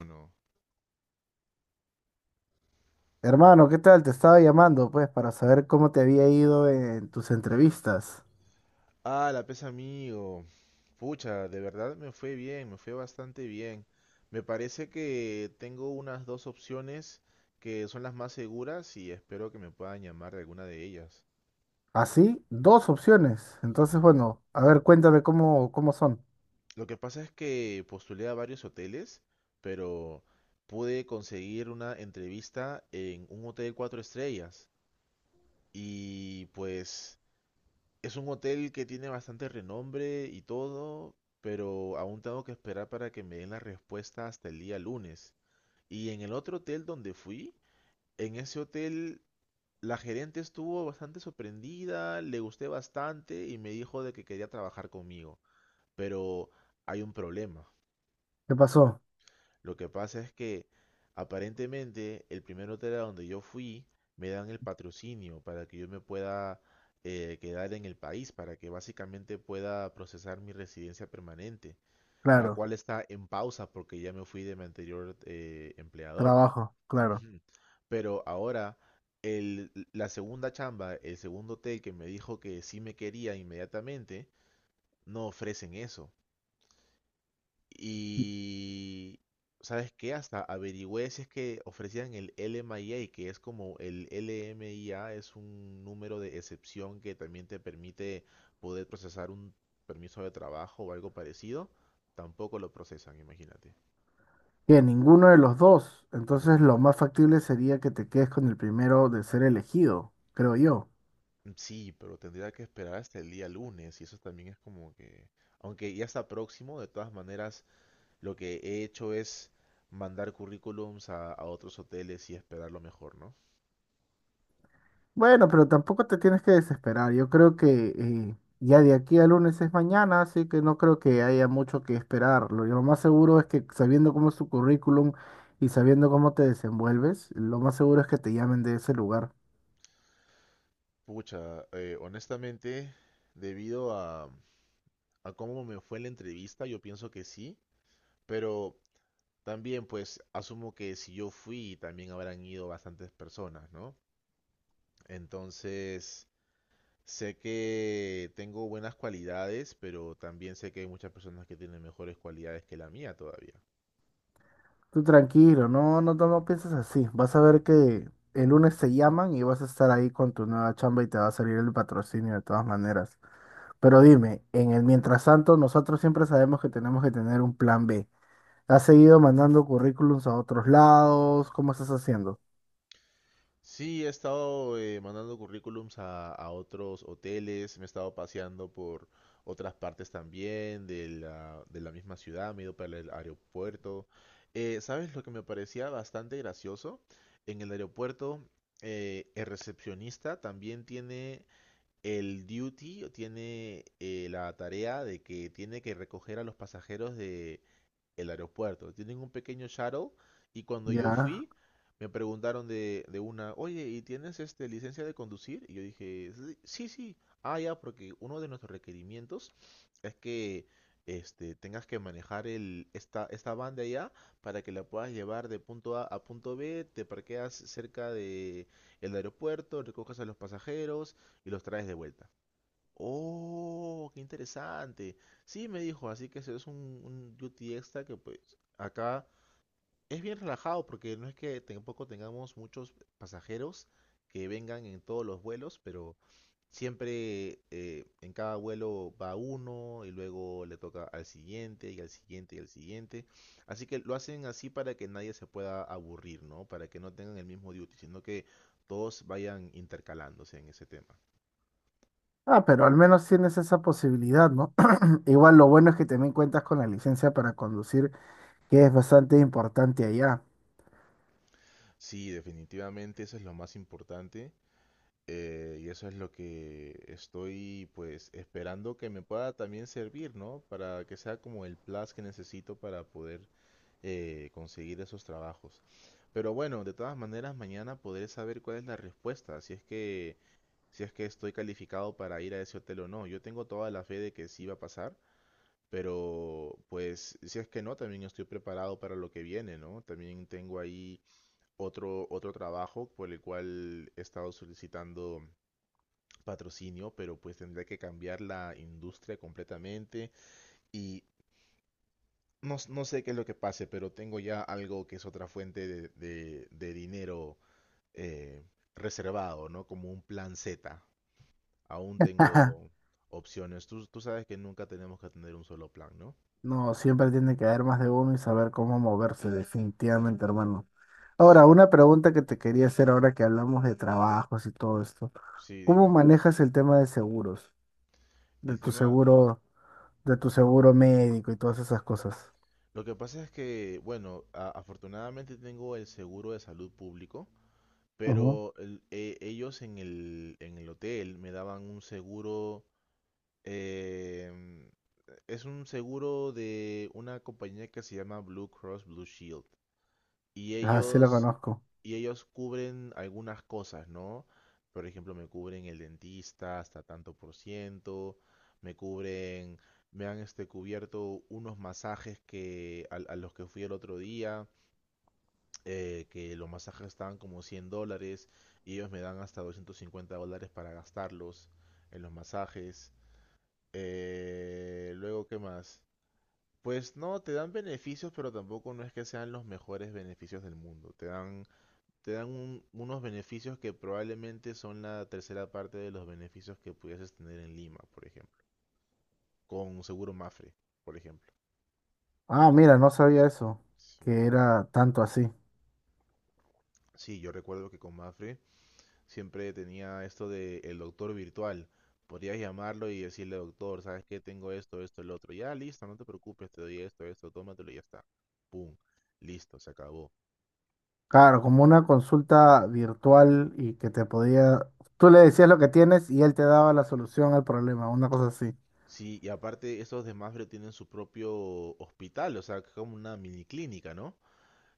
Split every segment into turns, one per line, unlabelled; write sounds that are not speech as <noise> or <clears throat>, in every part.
Uno.
Hermano, ¿qué tal? Te estaba llamando, pues, para saber cómo te había ido en tus entrevistas.
Ah, la pesa amigo. Pucha, de verdad me fue bien, me fue bastante bien. Me parece que tengo unas dos opciones que son las más seguras y espero que me puedan llamar de alguna de ellas.
Así, dos opciones. Entonces, bueno, a ver, cuéntame cómo son.
Lo que pasa es que postulé a varios hoteles, pero pude conseguir una entrevista en un hotel 4 estrellas. Y pues es un hotel que tiene bastante renombre y todo, pero aún tengo que esperar para que me den la respuesta hasta el día lunes. Y en el otro hotel donde fui, en ese hotel la gerente estuvo bastante sorprendida, le gusté bastante y me dijo de que quería trabajar conmigo. Pero hay un problema.
¿Qué pasó?
Lo que pasa es que aparentemente el primer hotel a donde yo fui me dan el patrocinio para que yo me pueda quedar en el país, para que básicamente pueda procesar mi residencia permanente, la
Claro,
cual está en pausa porque ya me fui de mi anterior empleador.
trabajo, claro.
Ujú. Pero ahora, la segunda chamba, el segundo hotel que me dijo que sí me quería inmediatamente, no ofrecen eso. Y, ¿sabes qué? Hasta averigüé si es que ofrecían el LMIA, que es como el LMIA, es un número de excepción que también te permite poder procesar un permiso de trabajo o algo parecido. Tampoco lo procesan, imagínate.
Que ninguno de los dos.
Ninguno.
Entonces, lo más factible sería que te quedes con el primero de ser elegido, creo yo.
Sí, pero tendría que esperar hasta el día lunes y eso también es como que, aunque ya está próximo, de todas maneras, lo que he hecho es mandar currículums a otros hoteles y esperar lo mejor, ¿no?
Bueno, pero tampoco te tienes que desesperar. Yo creo que ya de aquí al lunes es mañana, así que no creo que haya mucho que esperar. Lo más seguro es que sabiendo cómo es tu currículum y sabiendo cómo te desenvuelves, lo más seguro es que te llamen de ese lugar.
Pucha, honestamente, debido a cómo me fue la entrevista, yo pienso que sí, pero también pues asumo que si yo fui, también habrán ido bastantes personas, ¿no? Entonces, sé que tengo buenas cualidades, pero también sé que hay muchas personas que tienen mejores cualidades que la mía todavía.
Tú tranquilo, no, no, no, no pienses así. Vas a ver que el lunes te llaman y vas a estar ahí con tu nueva chamba y te va a salir el patrocinio de todas maneras. Pero dime, en el mientras tanto, nosotros siempre sabemos que tenemos que tener un plan B. ¿Has seguido mandando currículums a otros lados? ¿Cómo estás haciendo?
Sí, he estado mandando currículums a otros hoteles, me he estado paseando por otras partes también de la misma ciudad, me he ido para el aeropuerto. ¿Sabes lo que me parecía bastante gracioso? En el aeropuerto, el recepcionista también tiene el duty, o tiene la tarea de que tiene que recoger a los pasajeros de el aeropuerto. Tienen un pequeño shuttle y cuando yo
Ya.
fui me preguntaron de una, oye, ¿y tienes este licencia de conducir? Y yo dije, "Sí, sí, sí. Ah, ya, porque uno de nuestros requerimientos es que este, tengas que manejar el, esta van de allá para que la puedas llevar de punto A a punto B, te parqueas cerca de el aeropuerto, recoges a los pasajeros y los traes de vuelta. Oh, qué interesante. Sí, me dijo, así que eso es un duty extra que pues acá es bien relajado porque no es que tampoco tengamos muchos pasajeros que vengan en todos los vuelos, pero siempre en cada vuelo va uno y luego le toca al siguiente y al siguiente y al siguiente. Así que lo hacen así para que nadie se pueda aburrir, ¿no? Para que no tengan el mismo duty, sino que todos vayan intercalándose en ese tema.
Ah, pero al menos tienes esa posibilidad, ¿no? <clears throat> Igual lo bueno es que también cuentas con la licencia para conducir, que es bastante importante allá.
Sí, definitivamente eso es lo más importante y eso es lo que estoy pues esperando que me pueda también servir, ¿no? Para que sea como el plus que necesito para poder conseguir esos trabajos. Pero bueno, de todas maneras mañana podré saber cuál es la respuesta, si es que estoy calificado para ir a ese hotel o no. Yo tengo toda la fe de que sí va a pasar, pero pues si es que no, también estoy preparado para lo que viene, ¿no? También tengo ahí otro trabajo por el cual he estado solicitando patrocinio, pero pues tendría que cambiar la industria completamente y no, no sé qué es lo que pase, pero tengo ya algo que es otra fuente de dinero eh, reservado, ¿no? Como un plan Z. Aún tengo
<laughs>
opciones. Tú sabes que nunca tenemos que tener un solo plan, ¿no?
No, siempre tiene que haber más de uno y saber cómo moverse, definitivamente, hermano. Ahora,
Sí,
una pregunta que te quería hacer ahora que hablamos de trabajos y todo esto.
sí,
¿Cómo
dime.
manejas el tema de seguros? De
El
tu
tema,
seguro, de tu seguro médico y todas esas cosas.
lo que pasa es que, bueno, afortunadamente tengo el seguro de salud público.
Ujú.
Pero ellos en en el hotel me daban un seguro, em, es un seguro de una compañía que se llama Blue Cross Blue Shield. Y
Ah, sí la
ellos,
conozco.
y ellos cubren algunas cosas, ¿no? Por ejemplo, me cubren el dentista hasta tanto por ciento, me cubren, me han este, cubierto unos masajes que, a los que fui el otro día que los masajes estaban como $100 y ellos me dan hasta $250 para gastarlos en los masajes. Luego, ¿qué más? Pues no, te dan beneficios, pero tampoco no es que sean los mejores beneficios del mundo. Te dan unos beneficios que probablemente son la tercera parte de los beneficios que pudieses tener en Lima, por ejemplo. Con seguro Mafre, por ejemplo.
Ah, mira, no sabía eso,
Sí.
que era tanto así.
Sí, yo recuerdo que con Mafre siempre tenía esto de el doctor virtual. Podrías llamarlo y decirle, doctor, ¿sabes qué? Tengo esto, esto, el otro. Ya, listo, no te preocupes, te doy esto, esto, tómatelo y ya está. Pum, listo, se acabó.
Claro, como una consulta virtual y que te podía... Tú le decías lo que tienes y él te daba la solución al problema, una cosa así.
Sí, y aparte, esos de Mafre tienen su propio hospital, o sea, que es como una mini clínica, ¿no?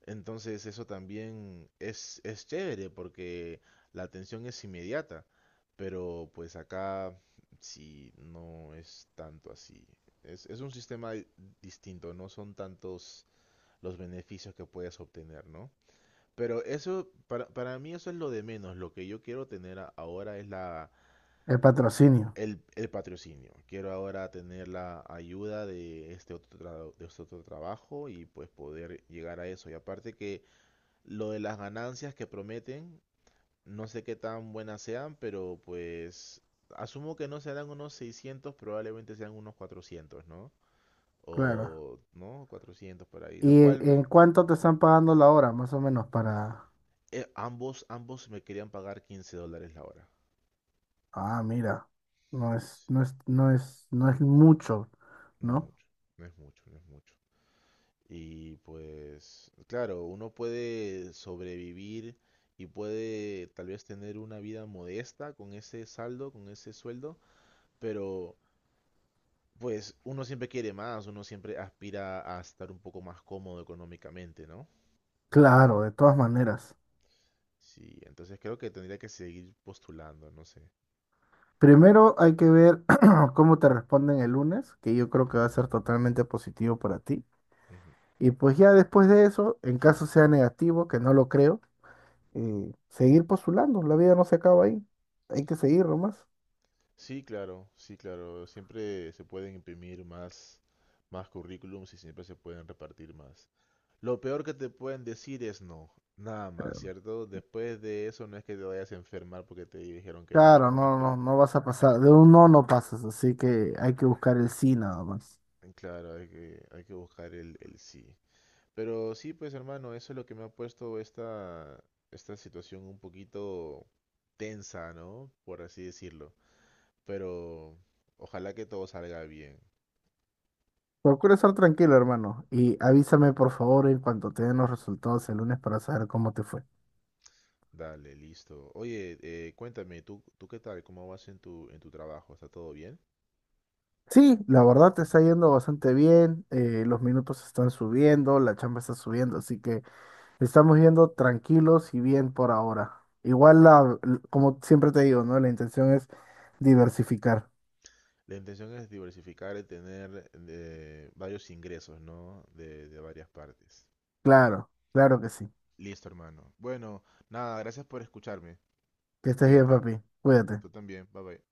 Entonces eso también es, chévere porque la atención es inmediata, pero pues acá sí no es tanto así. Es un sistema distinto, no son tantos los beneficios que puedes obtener, ¿no? Pero eso, para mí eso es lo de menos. Lo que yo quiero tener ahora es la,
El patrocinio,
el, el patrocinio. Quiero ahora tener la ayuda de de este otro trabajo y pues poder llegar a eso. Y aparte que lo de las ganancias que prometen, no sé qué tan buenas sean, pero pues asumo que no serán unos 600, probablemente sean unos 400, ¿no?
claro.
O, ¿no? 400 por ahí.
¿Y
Lo
en
cual,
en cuánto te están pagando la hora, más o menos, para...
ambos me querían pagar $15 la hora.
Ah, mira, no es,
Sí,
no es, no es, no es mucho,
no es
¿no?
mucho, no es mucho, no es mucho. Y pues, claro, uno puede sobrevivir y puede tal vez tener una vida modesta con ese saldo, con ese sueldo, pero pues uno siempre quiere más, uno siempre aspira a estar un poco más cómodo económicamente, ¿no?
Claro, de todas maneras.
Sí, entonces creo que tendría que seguir postulando, no sé.
Primero hay que ver <clears throat> cómo te responden el lunes, que yo creo que va a ser totalmente positivo para ti.
Ujú.
Y pues ya después de eso, en caso sea negativo, que no lo creo, seguir postulando. La vida no se acaba ahí. Hay que seguir nomás.
Sí, claro, sí, claro. Siempre se pueden imprimir más currículums y siempre se pueden repartir más. Lo peor que te pueden decir es no, nada más, ¿cierto? Después de eso no es que te vayas a enfermar porque te dijeron que
Claro,
no, no es
no,
que...
no, no vas a pasar. De un no no pasas, así que hay que buscar el sí nada más.
Claro, hay que buscar el sí. Pero sí, pues hermano, eso es lo que me ha puesto esta situación un poquito tensa, ¿no? Por así decirlo. Pero ojalá que todo salga bien.
Procura estar tranquilo, hermano, y avísame por favor en cuanto te den los resultados el lunes para saber cómo te fue.
Dale, listo. Oye, cuéntame, ¿tú qué tal? ¿Cómo vas en tu trabajo? ¿Está todo bien?
Sí, la verdad te está yendo bastante bien, los minutos están subiendo, la chamba está subiendo, así que estamos yendo tranquilos y bien por ahora. Igual, como siempre te digo, ¿no? La intención es diversificar.
La intención es diversificar y tener varios ingresos, ¿no? De varias partes.
Claro, claro que sí.
Listo, hermano. Bueno, nada, gracias por escucharme.
Que estés bien,
Cuídate.
papi. Cuídate.
Tú también. Bye bye.